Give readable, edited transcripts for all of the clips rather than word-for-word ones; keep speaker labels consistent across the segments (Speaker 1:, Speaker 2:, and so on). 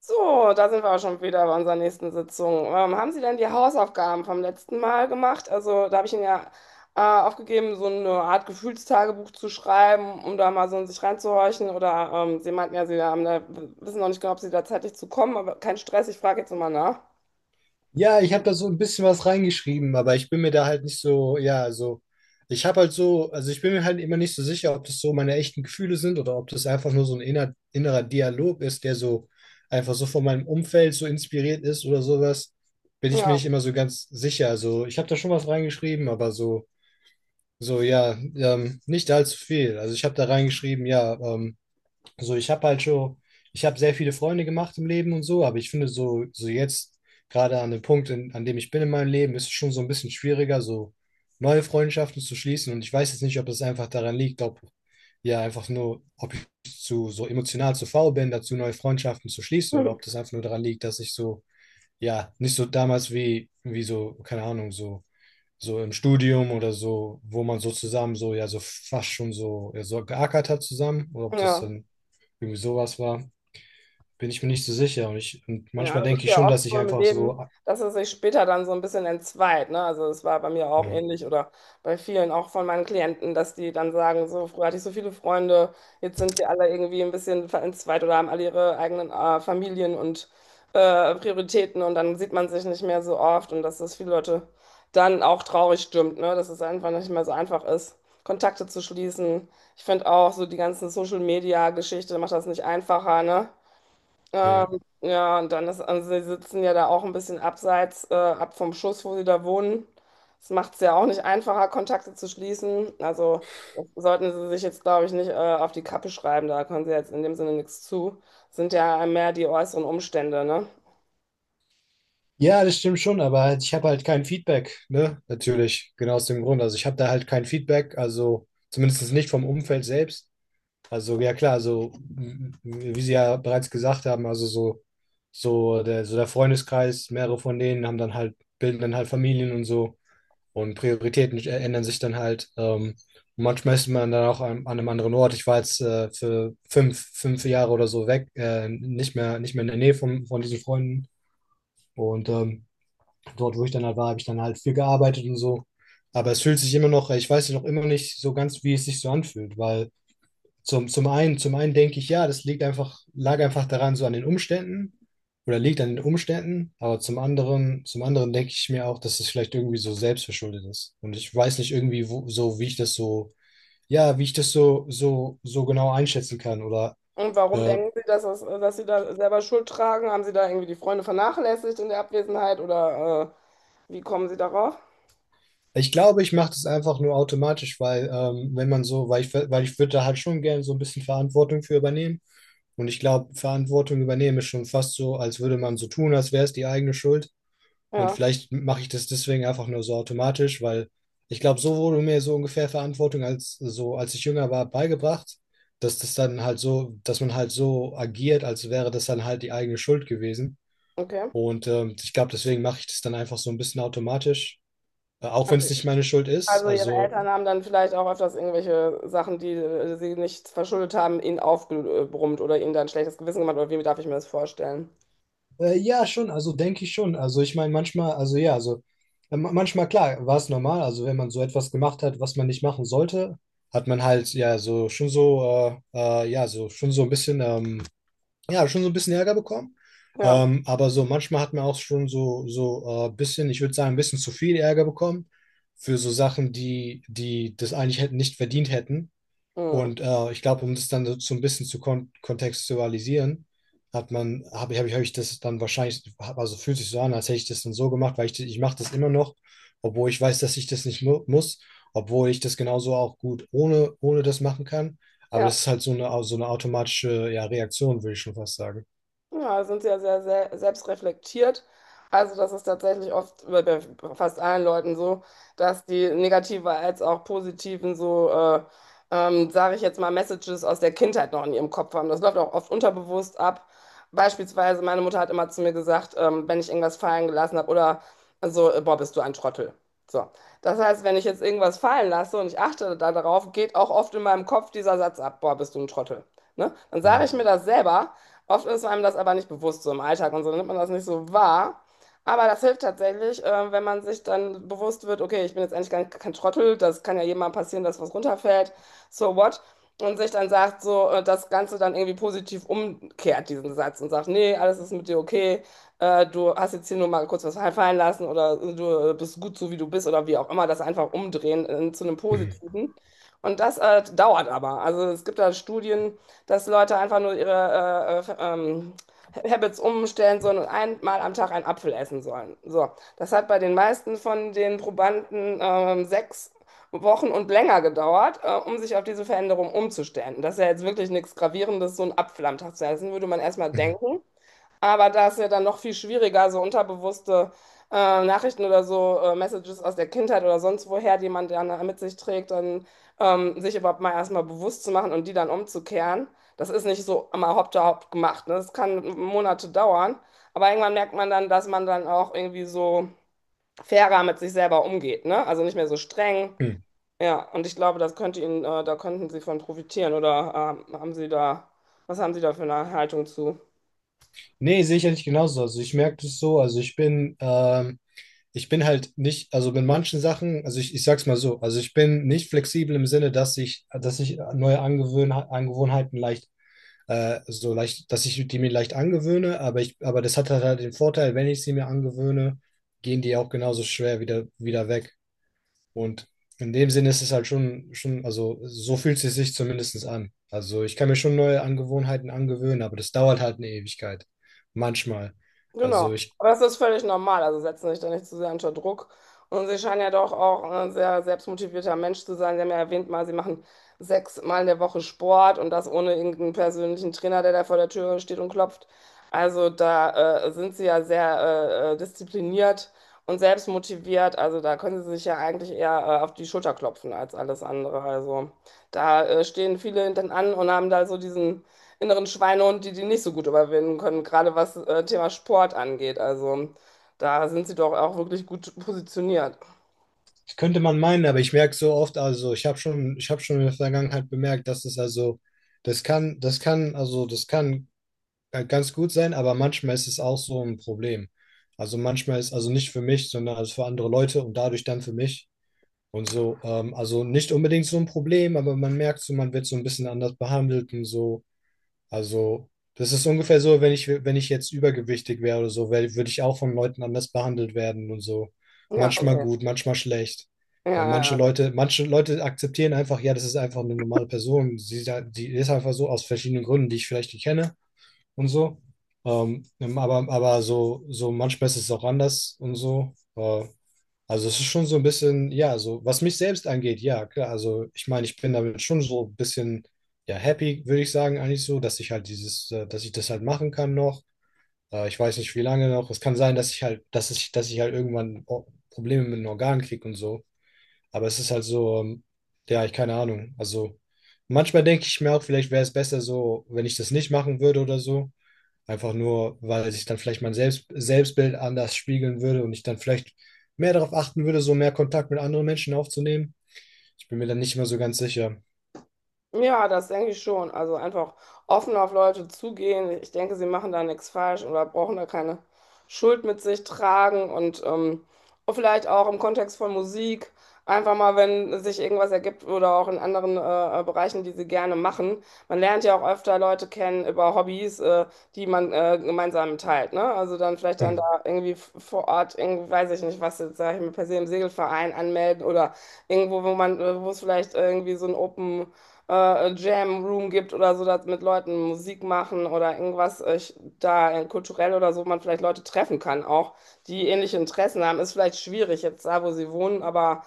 Speaker 1: So, da sind wir auch schon wieder bei unserer nächsten Sitzung. Haben Sie denn die Hausaufgaben vom letzten Mal gemacht? Also, da habe ich Ihnen ja aufgegeben, so eine Art Gefühlstagebuch zu schreiben, um da mal so in sich reinzuhorchen. Oder Sie meinten ja, Sie haben da, wissen noch nicht genau, ob Sie da zeitlich zu kommen, aber kein Stress, ich frage jetzt nochmal nach.
Speaker 2: Ja, ich habe da so ein bisschen was reingeschrieben, aber ich bin mir da halt nicht so, ja, so, ich habe halt so, also ich bin mir halt immer nicht so sicher, ob das so meine echten Gefühle sind oder ob das einfach nur so ein innerer Dialog ist, der so einfach so von meinem Umfeld so inspiriert ist oder sowas, bin ich mir nicht
Speaker 1: Ja.
Speaker 2: immer so ganz sicher. Also ich habe da schon was reingeschrieben, aber so, ja, nicht allzu viel. Also ich habe da reingeschrieben, ja, also ich habe halt schon, ich habe sehr viele Freunde gemacht im Leben und so, aber ich finde so jetzt, gerade an dem Punkt, an dem ich bin in meinem Leben, ist es schon so ein bisschen schwieriger, so neue Freundschaften zu schließen. Und ich weiß jetzt nicht, ob es einfach daran liegt, ob ja einfach nur, ob ich zu so emotional zu faul bin, dazu neue Freundschaften zu schließen, oder ob das einfach nur daran liegt, dass ich so, ja, nicht so damals wie so, keine Ahnung, so, im Studium oder so, wo man so zusammen so, ja, so fast schon so, ja, so geackert hat zusammen, oder ob das
Speaker 1: Ja.
Speaker 2: dann irgendwie sowas war, bin ich mir nicht so sicher. Und
Speaker 1: Ja,
Speaker 2: manchmal
Speaker 1: das
Speaker 2: denke
Speaker 1: ist
Speaker 2: ich
Speaker 1: ja
Speaker 2: schon,
Speaker 1: oft
Speaker 2: dass ich
Speaker 1: so im
Speaker 2: einfach
Speaker 1: Leben,
Speaker 2: so.
Speaker 1: dass es sich später dann so ein bisschen entzweit, ne? Also es war bei mir auch
Speaker 2: Mhm.
Speaker 1: ähnlich oder bei vielen auch von meinen Klienten, dass die dann sagen, so früher hatte ich so viele Freunde, jetzt sind wir alle irgendwie ein bisschen entzweit oder haben alle ihre eigenen Familien und Prioritäten und dann sieht man sich nicht mehr so oft und dass das viele Leute dann auch traurig stimmt, ne? Dass es einfach nicht mehr so einfach ist, Kontakte zu schließen. Ich finde auch so die ganzen Social-Media-Geschichte macht das nicht einfacher, ne?
Speaker 2: Ja.
Speaker 1: Ja, und dann ist, also Sie sitzen ja da auch ein bisschen abseits, ab vom Schuss, wo Sie da wohnen. Das macht es ja auch nicht einfacher, Kontakte zu schließen. Also das sollten Sie sich jetzt, glaube ich, nicht, auf die Kappe schreiben. Da können Sie jetzt in dem Sinne nichts zu. Sind ja mehr die äußeren Umstände, ne?
Speaker 2: Ja, das stimmt schon, aber halt, ich habe halt kein Feedback, ne? Natürlich, genau aus dem Grund. Also ich habe da halt kein Feedback, also zumindest nicht vom Umfeld selbst. Also ja klar, also wie Sie ja bereits gesagt haben, also so, so der Freundeskreis, mehrere von denen bilden dann halt Familien und so. Und Prioritäten ändern sich dann halt. Manchmal ist man dann auch an einem anderen Ort. Ich war jetzt für 5 Jahre oder so weg, nicht mehr in der Nähe von diesen Freunden. Und dort, wo ich dann halt war, habe ich dann halt viel gearbeitet und so. Aber es fühlt sich immer noch, ich weiß noch immer nicht so ganz, wie es sich so anfühlt, weil zum einen denke ich, ja, das liegt lag einfach daran, so an den Umständen oder liegt an den Umständen, aber zum anderen denke ich mir auch, dass es vielleicht irgendwie so selbstverschuldet ist. Und ich weiß nicht irgendwie wo, so, wie ich das so, ja, wie ich das so, genau einschätzen kann oder
Speaker 1: Und warum
Speaker 2: äh,
Speaker 1: denken Sie, dass Sie da selber Schuld tragen? Haben Sie da irgendwie die Freunde vernachlässigt in der Abwesenheit oder wie kommen Sie darauf?
Speaker 2: ich glaube, ich mache das einfach nur automatisch, weil wenn man so, weil ich würde da halt schon gerne so ein bisschen Verantwortung für übernehmen. Und ich glaube, Verantwortung übernehmen ist schon fast so, als würde man so tun, als wäre es die eigene Schuld. Und
Speaker 1: Ja,
Speaker 2: vielleicht mache ich das deswegen einfach nur so automatisch, weil ich glaube, so wurde mir so ungefähr Verantwortung als ich jünger war, beigebracht, dass das dann halt so, dass man halt so agiert, als wäre das dann halt die eigene Schuld gewesen.
Speaker 1: okay.
Speaker 2: Und ich glaube, deswegen mache ich das dann einfach so ein bisschen automatisch, auch wenn
Speaker 1: Also
Speaker 2: es nicht meine Schuld ist.
Speaker 1: Also Ihre
Speaker 2: Also
Speaker 1: Eltern haben dann vielleicht auch öfters irgendwelche Sachen, die Sie nicht verschuldet haben, Ihnen aufgebrummt oder Ihnen dann ein schlechtes Gewissen gemacht. Oder wie darf ich mir das vorstellen?
Speaker 2: Ja, schon, also denke ich schon. Also ich meine, manchmal, also ja, also manchmal, klar, war es normal. Also wenn man so etwas gemacht hat, was man nicht machen sollte, hat man halt ja so schon so, ja, so schon so ein bisschen, ja, schon so ein bisschen Ärger bekommen.
Speaker 1: Ja.
Speaker 2: Aber so manchmal hat man auch schon so, bisschen, ich würde sagen, ein bisschen zu viel Ärger bekommen für so Sachen, die das eigentlich hätten nicht verdient hätten.
Speaker 1: Hm.
Speaker 2: Und ich glaube, um das dann so ein bisschen zu kontextualisieren, hat man, habe ich, hab ich, hab ich das dann wahrscheinlich, also fühlt sich so an, als hätte ich das dann so gemacht, weil ich mache das immer noch, obwohl ich weiß, dass ich das nicht mu muss, obwohl ich das genauso auch gut ohne das machen kann. Aber das
Speaker 1: Ja.
Speaker 2: ist halt so eine automatische, ja, Reaktion, würde ich schon fast sagen.
Speaker 1: Ja, sind Sie ja sehr, sehr selbstreflektiert. Also das ist tatsächlich oft bei fast allen Leuten so, dass die negativen als auch positiven so, sage ich jetzt mal, Messages aus der Kindheit noch in ihrem Kopf haben. Das läuft auch oft unterbewusst ab. Beispielsweise meine Mutter hat immer zu mir gesagt, wenn ich irgendwas fallen gelassen habe oder so, boah, bist du ein Trottel. So. Das heißt, wenn ich jetzt irgendwas fallen lasse und ich achte da darauf, geht auch oft in meinem Kopf dieser Satz ab, boah, bist du ein Trottel. Ne? Dann
Speaker 2: Hm.
Speaker 1: sage ich mir das selber. Oft ist einem das aber nicht bewusst so im Alltag und so nimmt man das nicht so wahr. Aber das hilft tatsächlich, wenn man sich dann bewusst wird, okay, ich bin jetzt eigentlich gar nicht, kein Trottel, das kann ja jedem mal passieren, dass was runterfällt, so what? Und sich dann sagt, so das Ganze dann irgendwie positiv umkehrt, diesen Satz, und sagt, nee, alles ist mit dir okay, du hast jetzt hier nur mal kurz was fallen lassen oder du bist gut so, wie du bist oder wie auch immer, das einfach umdrehen zu einem
Speaker 2: Mhm,
Speaker 1: Positiven. Und das dauert aber. Also es gibt da Studien, dass Leute einfach nur ihre Habits umstellen sollen und einmal am Tag einen Apfel essen sollen. So, das hat bei den meisten von den Probanden 6 Wochen und länger gedauert, um sich auf diese Veränderung umzustellen. Und das ist ja jetzt wirklich nichts Gravierendes, so einen Apfel am Tag zu essen, würde man erstmal
Speaker 2: mhm,
Speaker 1: denken. Aber da ist ja dann noch viel schwieriger, so unterbewusste Nachrichten oder so, Messages aus der Kindheit oder sonst woher, die man dann mit sich trägt, dann sich überhaupt mal erstmal bewusst zu machen und die dann umzukehren. Das ist nicht so immer hopp da hopp gemacht. Ne? Das kann Monate dauern. Aber irgendwann merkt man dann, dass man dann auch irgendwie so fairer mit sich selber umgeht, ne? Also nicht mehr so streng.
Speaker 2: mhm.
Speaker 1: Ja, und ich glaube, das könnte Ihnen, da könnten Sie von profitieren. Oder haben Sie da, was haben Sie da für eine Haltung zu?
Speaker 2: Nee, sehe ich ja nicht genauso. Also ich merke das so, also ich bin halt nicht, also mit manchen Sachen, also ich sag's mal so, also ich bin nicht flexibel im Sinne, dass ich neue Angewöhn Angewohnheiten leicht, so leicht, dass ich die mir leicht angewöhne, aber das hat halt den Vorteil, wenn ich sie mir angewöhne, gehen die auch genauso schwer wieder weg. Und in dem Sinne ist es halt schon, also so fühlt es sich zumindest an. Also ich kann mir schon neue Angewohnheiten angewöhnen, aber das dauert halt eine Ewigkeit. Manchmal. Also
Speaker 1: Genau,
Speaker 2: ich.
Speaker 1: aber das ist völlig normal. Also setzen sich da nicht zu sehr unter Druck. Und Sie scheinen ja doch auch ein sehr selbstmotivierter Mensch zu sein. Sie haben ja erwähnt mal, Sie machen 6 Mal in der Woche Sport und das ohne irgendeinen persönlichen Trainer, der da vor der Tür steht und klopft. Also da sind Sie ja sehr diszipliniert und selbstmotiviert. Also da können Sie sich ja eigentlich eher auf die Schulter klopfen als alles andere. Also da stehen viele hinten an und haben da so diesen inneren Schweinehund, die die nicht so gut überwinden können, gerade was Thema Sport angeht. Also da sind Sie doch auch wirklich gut positioniert.
Speaker 2: Das könnte man meinen, aber ich merke so oft, also ich habe schon in der Vergangenheit bemerkt, dass es also, das kann ganz gut sein, aber manchmal ist es auch so ein Problem. Also manchmal ist, also nicht für mich, sondern also für andere Leute und dadurch dann für mich. Und so, also nicht unbedingt so ein Problem, aber man merkt so, man wird so ein bisschen anders behandelt und so. Also, das ist ungefähr so, wenn ich jetzt übergewichtig wäre oder so, würde ich auch von Leuten anders behandelt werden und so.
Speaker 1: Ja,
Speaker 2: Manchmal
Speaker 1: okay.
Speaker 2: gut, manchmal schlecht.
Speaker 1: Ja,
Speaker 2: Weil
Speaker 1: ja. Ja.
Speaker 2: Manche Leute akzeptieren einfach, ja, das ist einfach eine normale Person. Die ist einfach so aus verschiedenen Gründen, die ich vielleicht nicht kenne und so. Aber, so, manchmal ist es auch anders und so. Also es ist schon so ein bisschen, ja, so was mich selbst angeht, ja, klar. Also ich meine, ich bin damit schon so ein bisschen, ja, happy, würde ich sagen, eigentlich so, dass ich das halt machen kann noch. Ich weiß nicht, wie lange noch. Es kann sein, dass ich halt irgendwann Probleme mit den Organen kriege und so. Aber es ist halt so, ja, ich keine Ahnung. Also manchmal denke ich mir auch, vielleicht wäre es besser so, wenn ich das nicht machen würde oder so. Einfach nur, weil sich dann vielleicht mein Selbstbild anders spiegeln würde und ich dann vielleicht mehr darauf achten würde, so mehr Kontakt mit anderen Menschen aufzunehmen. Ich bin mir dann nicht mehr so ganz sicher.
Speaker 1: Ja, das denke ich schon. Also einfach offen auf Leute zugehen. Ich denke, Sie machen da nichts falsch oder brauchen da keine Schuld mit sich tragen. Und vielleicht auch im Kontext von Musik, einfach mal, wenn sich irgendwas ergibt oder auch in anderen Bereichen, die Sie gerne machen. Man lernt ja auch öfter Leute kennen über Hobbys, die man gemeinsam teilt. Ne? Also dann vielleicht dann
Speaker 2: Mhm.
Speaker 1: da irgendwie vor Ort, irgendwie, weiß ich nicht, was jetzt, sag ich mal, per se im Segelverein anmelden oder irgendwo, wo man, wo es vielleicht irgendwie so ein Open Jam Room gibt oder so, dass mit Leuten Musik machen oder irgendwas da kulturell oder so man vielleicht Leute treffen kann auch, die ähnliche Interessen haben. Ist vielleicht schwierig jetzt da, wo Sie wohnen, aber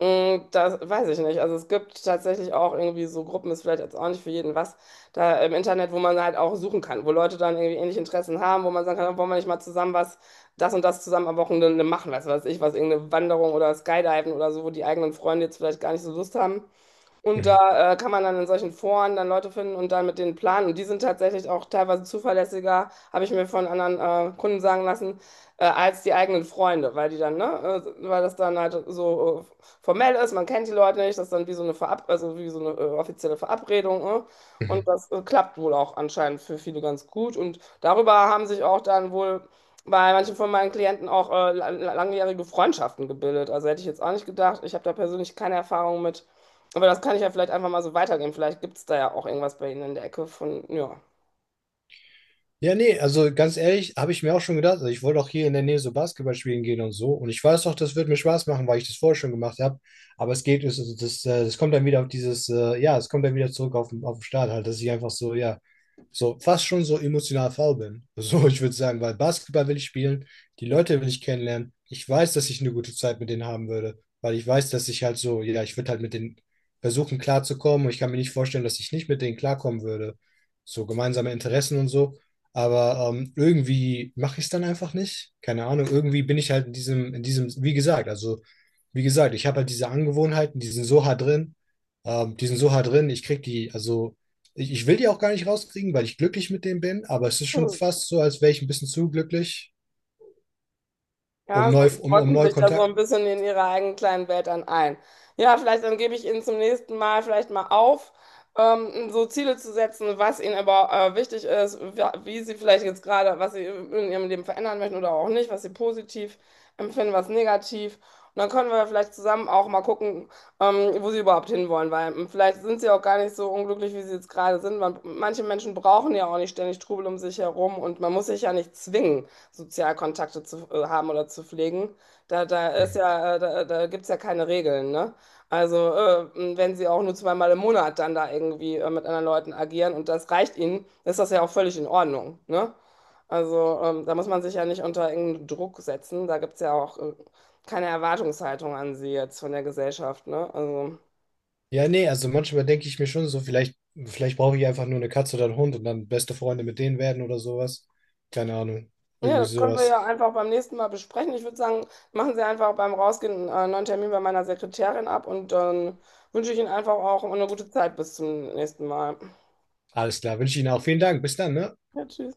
Speaker 1: mh, das weiß ich nicht. Also es gibt tatsächlich auch irgendwie so Gruppen, ist vielleicht jetzt auch nicht für jeden was, da im Internet, wo man halt auch suchen kann, wo Leute dann irgendwie ähnliche Interessen haben, wo man sagen kann, wollen wir nicht mal zusammen was das und das zusammen am Wochenende machen, was weiß ich, was irgendeine Wanderung oder Skydiven oder so, wo die eigenen Freunde jetzt vielleicht gar nicht so Lust haben. Und
Speaker 2: Mhm.
Speaker 1: da kann man dann in solchen Foren dann Leute finden und dann mit denen planen. Und die sind tatsächlich auch teilweise zuverlässiger, habe ich mir von anderen Kunden sagen lassen, als die eigenen Freunde, weil die dann, ne, weil das dann halt so formell ist, man kennt die Leute nicht, das ist dann wie so eine Verab also wie so eine offizielle Verabredung. Ne? Und
Speaker 2: Mhm.
Speaker 1: das klappt wohl auch anscheinend für viele ganz gut. Und darüber haben sich auch dann wohl bei manchen von meinen Klienten auch langjährige Freundschaften gebildet. Also hätte ich jetzt auch nicht gedacht. Ich habe da persönlich keine Erfahrung mit. Aber das kann ich ja vielleicht einfach mal so weitergeben. Vielleicht gibt es da ja auch irgendwas bei Ihnen in der Ecke von, ja.
Speaker 2: Ja, nee, also ganz ehrlich, habe ich mir auch schon gedacht, also ich wollte auch hier in der Nähe so Basketball spielen gehen und so. Und ich weiß auch, das wird mir Spaß machen, weil ich das vorher schon gemacht habe. Aber es geht, das, das kommt dann wieder auf es kommt dann wieder zurück auf den Start halt, dass ich einfach so, ja, so fast schon so emotional faul bin. So, ich würde sagen, weil Basketball will ich spielen, die Leute will ich kennenlernen. Ich weiß, dass ich eine gute Zeit mit denen haben würde, weil ich weiß, dass ich halt so, ja, ich würde halt mit denen versuchen klarzukommen und ich kann mir nicht vorstellen, dass ich nicht mit denen klarkommen würde. So gemeinsame Interessen und so. Aber irgendwie mache ich es dann einfach nicht. Keine Ahnung, irgendwie bin ich halt in diesem, wie gesagt, ich habe halt diese Angewohnheiten, die sind so hart drin, ich krieg die, also ich will die auch gar nicht rauskriegen, weil ich glücklich mit denen bin, aber es ist schon fast so, als wäre ich ein bisschen zu glücklich,
Speaker 1: Ja, so, Sie
Speaker 2: um
Speaker 1: rotten
Speaker 2: neu
Speaker 1: sich da so
Speaker 2: Kontakt.
Speaker 1: ein bisschen in Ihrer eigenen kleinen Welt dann ein. Ja, vielleicht dann gebe ich Ihnen zum nächsten Mal vielleicht mal auf, so Ziele zu setzen, was Ihnen aber wichtig ist, wie Sie vielleicht jetzt gerade, was Sie in Ihrem Leben verändern möchten oder auch nicht, was Sie positiv empfinden, was negativ. Und dann können wir vielleicht zusammen auch mal gucken, wo Sie überhaupt hinwollen, weil vielleicht sind Sie auch gar nicht so unglücklich, wie Sie jetzt gerade sind. Manche Menschen brauchen ja auch nicht ständig Trubel um sich herum und man muss sich ja nicht zwingen. Sozialkontakte zu haben oder zu pflegen. Da ist ja, da gibt es ja keine Regeln, ne? Also, wenn Sie auch nur zweimal im Monat dann da irgendwie mit anderen Leuten agieren und das reicht Ihnen, ist das ja auch völlig in Ordnung, ne? Also, da muss man sich ja nicht unter irgendeinen Druck setzen. Da gibt es ja auch keine Erwartungshaltung an Sie jetzt von der Gesellschaft, ne? Also.
Speaker 2: Ja, nee, also manchmal denke ich mir schon so, vielleicht brauche ich einfach nur eine Katze oder einen Hund und dann beste Freunde mit denen werden oder sowas. Keine Ahnung,
Speaker 1: Ja,
Speaker 2: irgendwie
Speaker 1: das können wir
Speaker 2: sowas.
Speaker 1: ja einfach beim nächsten Mal besprechen. Ich würde sagen, machen Sie einfach beim Rausgehen einen neuen Termin bei meiner Sekretärin ab und dann wünsche ich Ihnen einfach auch eine gute Zeit bis zum nächsten Mal.
Speaker 2: Alles klar, wünsche Ihnen auch vielen Dank. Bis dann, ne?
Speaker 1: Ja, tschüss.